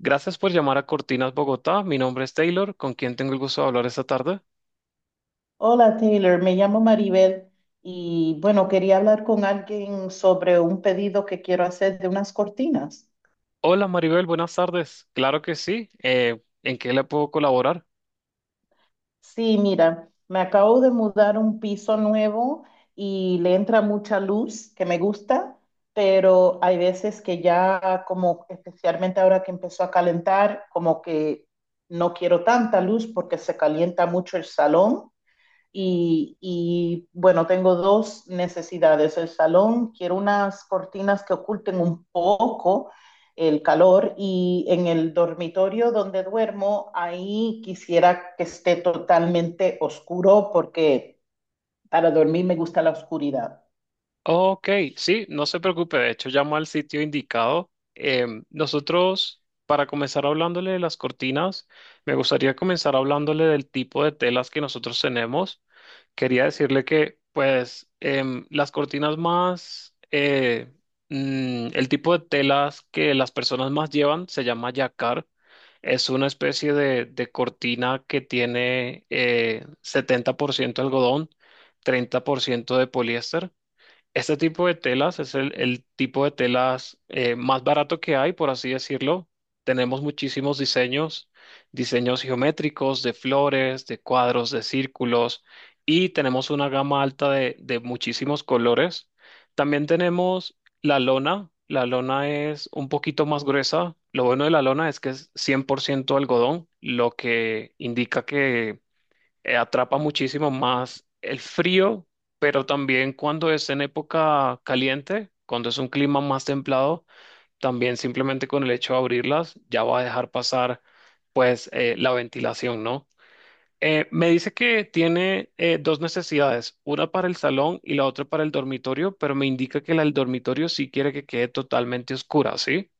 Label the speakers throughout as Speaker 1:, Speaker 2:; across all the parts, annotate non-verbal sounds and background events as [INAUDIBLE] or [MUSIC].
Speaker 1: Gracias por llamar a Cortinas Bogotá. Mi nombre es Taylor, ¿con quien tengo el gusto de hablar esta tarde?
Speaker 2: Hola Taylor, me llamo Maribel y bueno, quería hablar con alguien sobre un pedido que quiero hacer de unas cortinas.
Speaker 1: Hola Maribel, buenas tardes. Claro que sí. ¿En qué le puedo colaborar?
Speaker 2: Sí, mira, me acabo de mudar a un piso nuevo y le entra mucha luz que me gusta, pero hay veces que ya como especialmente ahora que empezó a calentar, como que no quiero tanta luz porque se calienta mucho el salón. Bueno, tengo dos necesidades. El salón, quiero unas cortinas que oculten un poco el calor y en el dormitorio donde duermo, ahí quisiera que esté totalmente oscuro porque para dormir me gusta la oscuridad.
Speaker 1: Ok, sí, no se preocupe. De hecho, llamo al sitio indicado. Nosotros, para comenzar hablándole de las cortinas, me gustaría comenzar hablándole del tipo de telas que nosotros tenemos. Quería decirle que, pues, las cortinas más, el tipo de telas que las personas más llevan se llama yacar. Es una especie de cortina que tiene 70% algodón, 30% de poliéster. Este tipo de telas es el tipo de telas más barato que hay, por así decirlo. Tenemos muchísimos diseños, diseños geométricos, de flores, de cuadros, de círculos, y tenemos una gama alta de muchísimos colores. También tenemos la lona. La lona es un poquito más gruesa. Lo bueno de la lona es que es 100% algodón, lo que indica que atrapa muchísimo más el frío, pero también cuando es en época caliente, cuando es un clima más templado, también simplemente con el hecho de abrirlas ya va a dejar pasar pues la ventilación, ¿no? Me dice que tiene dos necesidades, una para el salón y la otra para el dormitorio, pero me indica que la del dormitorio sí quiere que quede totalmente oscura, ¿sí?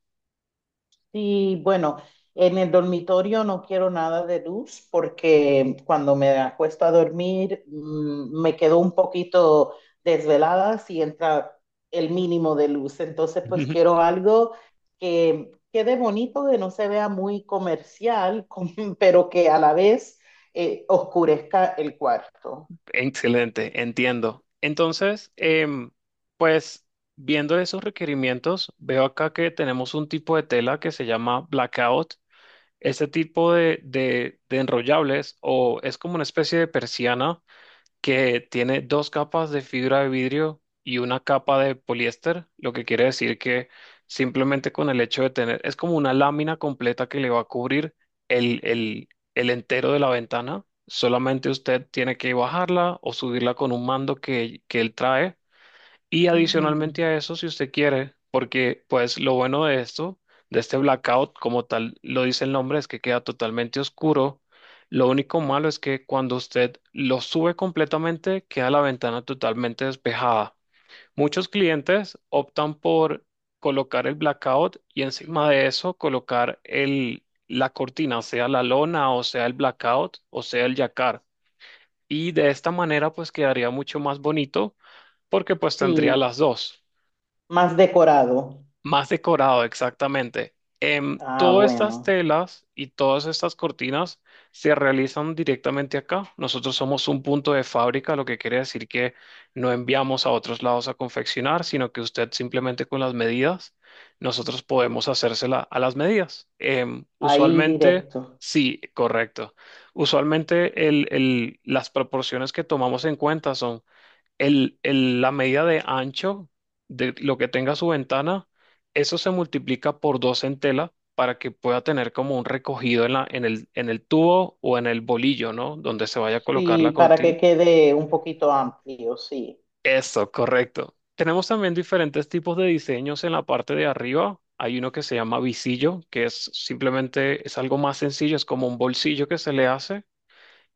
Speaker 2: Sí, bueno, en el dormitorio no quiero nada de luz porque cuando me acuesto a dormir me quedo un poquito desvelada si entra el mínimo de luz. Entonces, pues
Speaker 1: [LAUGHS]
Speaker 2: quiero algo que quede bonito, que no se vea muy comercial, [LAUGHS] pero que a la vez oscurezca el cuarto.
Speaker 1: Excelente, entiendo. Entonces, pues viendo esos requerimientos, veo acá que tenemos un tipo de tela que se llama blackout. Este tipo de enrollables o es como una especie de persiana que tiene dos capas de fibra de vidrio y una capa de poliéster, lo que quiere decir que simplemente con el hecho de tener, es como una lámina completa que le va a cubrir el, el, el entero de la ventana. Solamente usted tiene que bajarla o subirla con un mando que él trae y
Speaker 2: Mm.
Speaker 1: adicionalmente a eso, si usted quiere, porque pues lo bueno de esto, de este blackout, como tal lo dice el nombre, es que queda totalmente oscuro. Lo único malo es que cuando usted lo sube completamente, queda la ventana totalmente despejada. Muchos clientes optan por colocar el blackout y encima de eso colocar la cortina, sea la lona o sea el blackout o sea el yacar. Y de esta manera pues quedaría mucho más bonito porque pues tendría
Speaker 2: Sí,
Speaker 1: las dos.
Speaker 2: más decorado.
Speaker 1: Más decorado, exactamente.
Speaker 2: Ah,
Speaker 1: Todas estas
Speaker 2: bueno,
Speaker 1: telas y todas estas cortinas se realizan directamente acá. Nosotros somos un punto de fábrica, lo que quiere decir que no enviamos a otros lados a confeccionar, sino que usted simplemente con las medidas, nosotros podemos hacérsela a las medidas.
Speaker 2: ahí
Speaker 1: Usualmente,
Speaker 2: directo.
Speaker 1: sí, correcto. Usualmente las proporciones que tomamos en cuenta son la medida de ancho de lo que tenga su ventana, eso se multiplica por dos en tela para que pueda tener como un recogido en en el tubo o en el bolillo, ¿no? Donde se vaya a colocar
Speaker 2: Sí,
Speaker 1: la
Speaker 2: para que
Speaker 1: cortina.
Speaker 2: quede un poquito amplio, sí.
Speaker 1: Eso, correcto. Tenemos también diferentes tipos de diseños en la parte de arriba. Hay uno que se llama visillo, que es simplemente, es algo más sencillo, es como un bolsillo que se le hace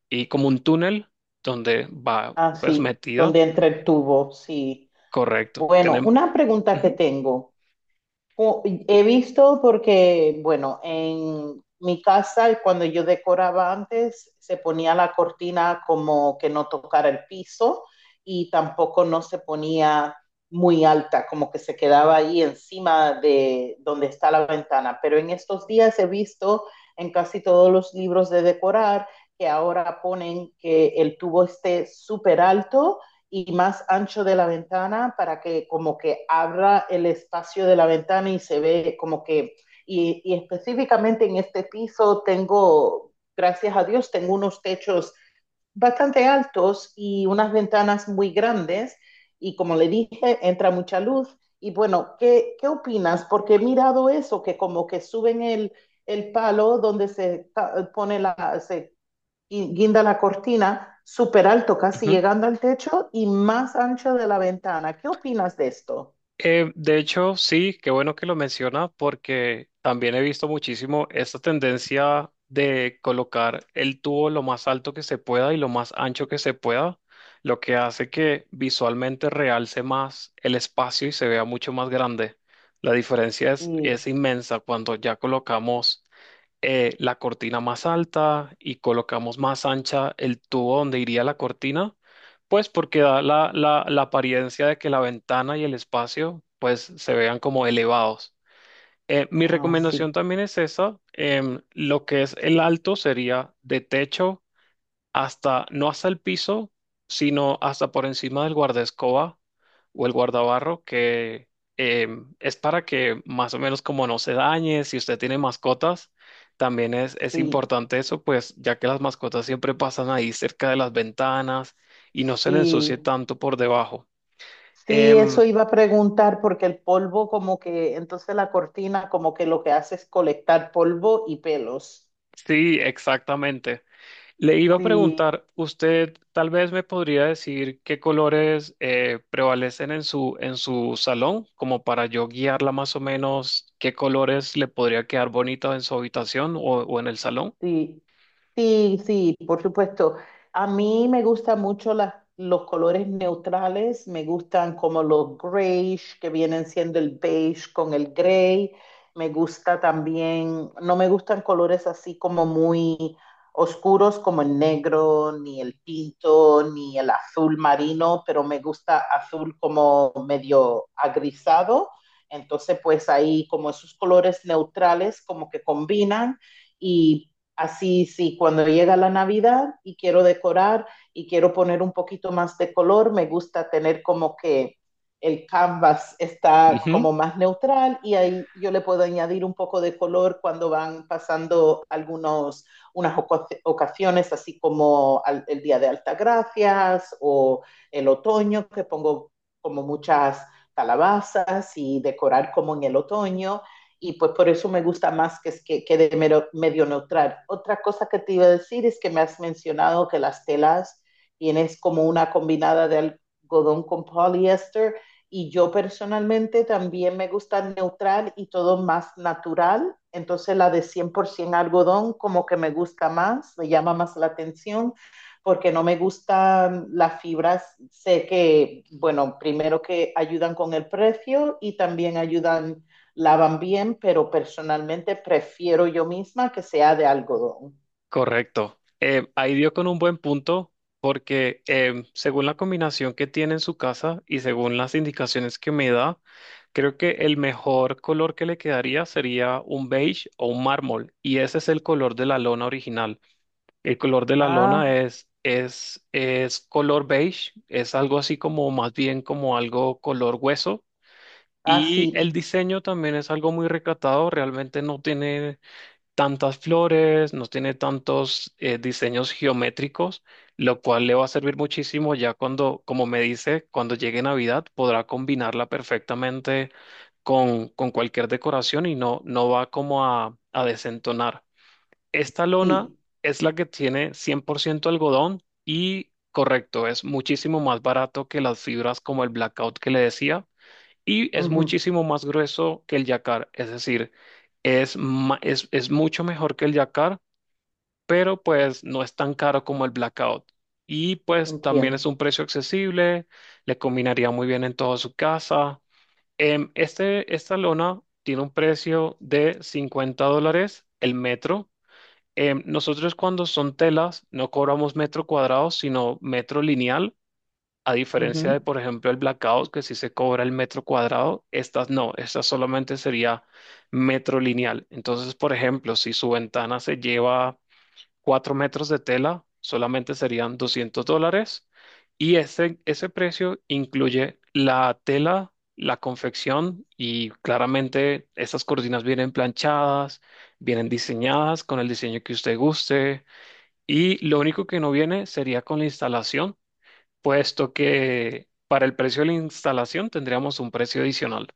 Speaker 1: y como un túnel donde va pues
Speaker 2: Así,
Speaker 1: metido.
Speaker 2: donde entre el tubo, sí.
Speaker 1: Correcto.
Speaker 2: Bueno,
Speaker 1: Tenemos...
Speaker 2: una pregunta que tengo. He visto porque, bueno, en mi casa, cuando yo decoraba antes, se ponía la cortina como que no tocara el piso y tampoco no se ponía muy alta, como que se quedaba ahí encima de donde está la ventana. Pero en estos días he visto en casi todos los libros de decorar que ahora ponen que el tubo esté súper alto y más ancho de la ventana para que como que abra el espacio de la ventana y se ve como que, y específicamente en este piso tengo, gracias a Dios, tengo unos techos bastante altos y unas ventanas muy grandes y como le dije, entra mucha luz. Y bueno, ¿qué, qué opinas? Porque he mirado eso, que como que suben el palo donde se pone la, se y guinda la cortina súper alto, casi llegando al techo y más ancho de la ventana. ¿Qué opinas de esto?
Speaker 1: De hecho, sí, qué bueno que lo menciona porque también he visto muchísimo esta tendencia de colocar el tubo lo más alto que se pueda y lo más ancho que se pueda, lo que hace que visualmente realce más el espacio y se vea mucho más grande. La diferencia
Speaker 2: Sí,
Speaker 1: es inmensa cuando ya colocamos la cortina más alta y colocamos más ancha el tubo donde iría la cortina, pues porque da la apariencia de que la ventana y el espacio pues se vean como elevados. Mi
Speaker 2: ah,
Speaker 1: recomendación
Speaker 2: sí,
Speaker 1: también es esa, lo que es el alto sería de techo hasta, no hasta el piso, sino hasta por encima del guardaescoba o el guardabarro, que es para que más o menos como no se dañe, si usted tiene mascotas, también es
Speaker 2: sí,
Speaker 1: importante eso, pues ya que las mascotas siempre pasan ahí cerca de las ventanas y no se le
Speaker 2: sí.
Speaker 1: ensucie tanto por debajo.
Speaker 2: Sí,
Speaker 1: Em,
Speaker 2: eso iba a preguntar porque el polvo como que, entonces la cortina como que lo que hace es colectar polvo y pelos.
Speaker 1: sí, exactamente. Le iba a
Speaker 2: Sí,
Speaker 1: preguntar, usted tal vez me podría decir qué colores prevalecen en en su salón, como para yo guiarla más o menos, qué colores le podría quedar bonito en su habitación o en el salón.
Speaker 2: sí. Sí, sí, por supuesto. A mí me gustan mucho los colores neutrales, me gustan como los grayish, que vienen siendo el beige con el gray. Me gusta también, no me gustan colores así como muy oscuros como el negro, ni el tinto, ni el azul marino, pero me gusta azul como medio agrisado. Entonces, pues ahí como esos colores neutrales como que combinan y así, sí, cuando llega la Navidad y quiero decorar y quiero poner un poquito más de color, me gusta tener como que el canvas está
Speaker 1: Ujú,
Speaker 2: como más neutral y ahí yo le puedo añadir un poco de color cuando van pasando algunos, ocasiones, así como el Día de Altagracias o el otoño, que pongo como muchas calabazas y decorar como en el otoño y pues por eso me gusta más que de medio neutral. Otra cosa que te iba a decir es que me has mencionado que las telas tienes como una combinada de algodón con poliéster y yo personalmente también me gusta neutral y todo más natural. Entonces la de 100% algodón como que me gusta más, me llama más la atención porque no me gustan las fibras. Sé que, bueno, primero que ayudan con el precio y también ayudan lavan bien, pero personalmente prefiero yo misma que sea de algodón.
Speaker 1: correcto. Ahí dio con un buen punto, porque según la combinación que tiene en su casa y según las indicaciones que me da, creo que el mejor color que le quedaría sería un beige o un mármol, y ese es el color de la lona original. El color de la
Speaker 2: Ah,
Speaker 1: lona es color beige, es algo así como más bien como algo color hueso.
Speaker 2: ah,
Speaker 1: Y
Speaker 2: sí,
Speaker 1: el diseño también es algo muy recatado, realmente no tiene tantas flores, no tiene tantos diseños geométricos, lo cual le va a servir muchísimo ya cuando, como me dice, cuando llegue Navidad podrá combinarla perfectamente con cualquier decoración y no, no va como a desentonar. Esta lona
Speaker 2: sí.
Speaker 1: es la que tiene 100% algodón y correcto, es muchísimo más barato que las fibras como el blackout que le decía y es
Speaker 2: Ujú.
Speaker 1: muchísimo más grueso que el yacar, es decir, es mucho mejor que el yacar, pero pues no es tan caro como el blackout. Y pues también es
Speaker 2: Entiendo.
Speaker 1: un precio accesible, le combinaría muy bien en toda su casa. Esta lona tiene un precio de $50 el metro. Nosotros cuando son telas no cobramos metro cuadrado, sino metro lineal, a diferencia
Speaker 2: Ujú.
Speaker 1: de, por ejemplo, el blackout, que sí se cobra el metro cuadrado, estas no, estas solamente sería metro lineal. Entonces, por ejemplo, si su ventana se lleva 4 metros de tela solamente serían $200 y ese precio incluye la tela, la confección y claramente esas cortinas vienen planchadas, vienen diseñadas con el diseño que usted guste y lo único que no viene sería con la instalación, puesto que para el precio de la instalación tendríamos un precio adicional.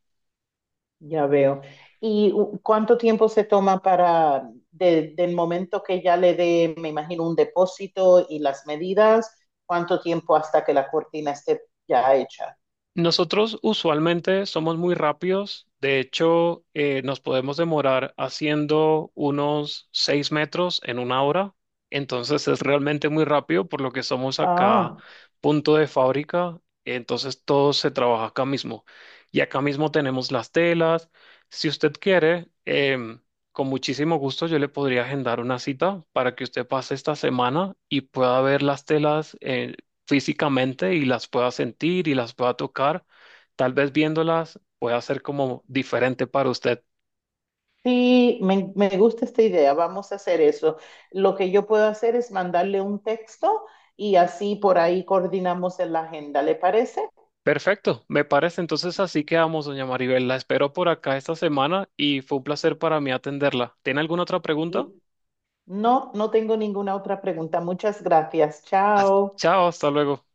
Speaker 2: Ya veo. ¿Y cuánto tiempo se toma para, del momento que ya le dé, me imagino, un depósito y las medidas, cuánto tiempo hasta que la cortina esté ya hecha?
Speaker 1: Nosotros usualmente somos muy rápidos, de hecho nos podemos demorar haciendo unos 6 metros en 1 hora, entonces es realmente muy rápido por lo que somos acá
Speaker 2: Ah.
Speaker 1: punto de fábrica, entonces todo se trabaja acá mismo. Y acá mismo tenemos las telas, si usted quiere, con muchísimo gusto yo le podría agendar una cita para que usted pase esta semana y pueda ver las telas físicamente y las pueda sentir y las pueda tocar. Tal vez viéndolas pueda ser como diferente para usted.
Speaker 2: Sí, me gusta esta idea, vamos a hacer eso. Lo que yo puedo hacer es mandarle un texto y así por ahí coordinamos en la agenda, ¿le parece?
Speaker 1: Perfecto, me parece. Entonces así quedamos, doña Maribel. La espero por acá esta semana y fue un placer para mí atenderla. ¿Tiene alguna otra pregunta?
Speaker 2: Y no, no tengo ninguna otra pregunta. Muchas gracias.
Speaker 1: Hasta-
Speaker 2: Chao.
Speaker 1: Chao, hasta luego.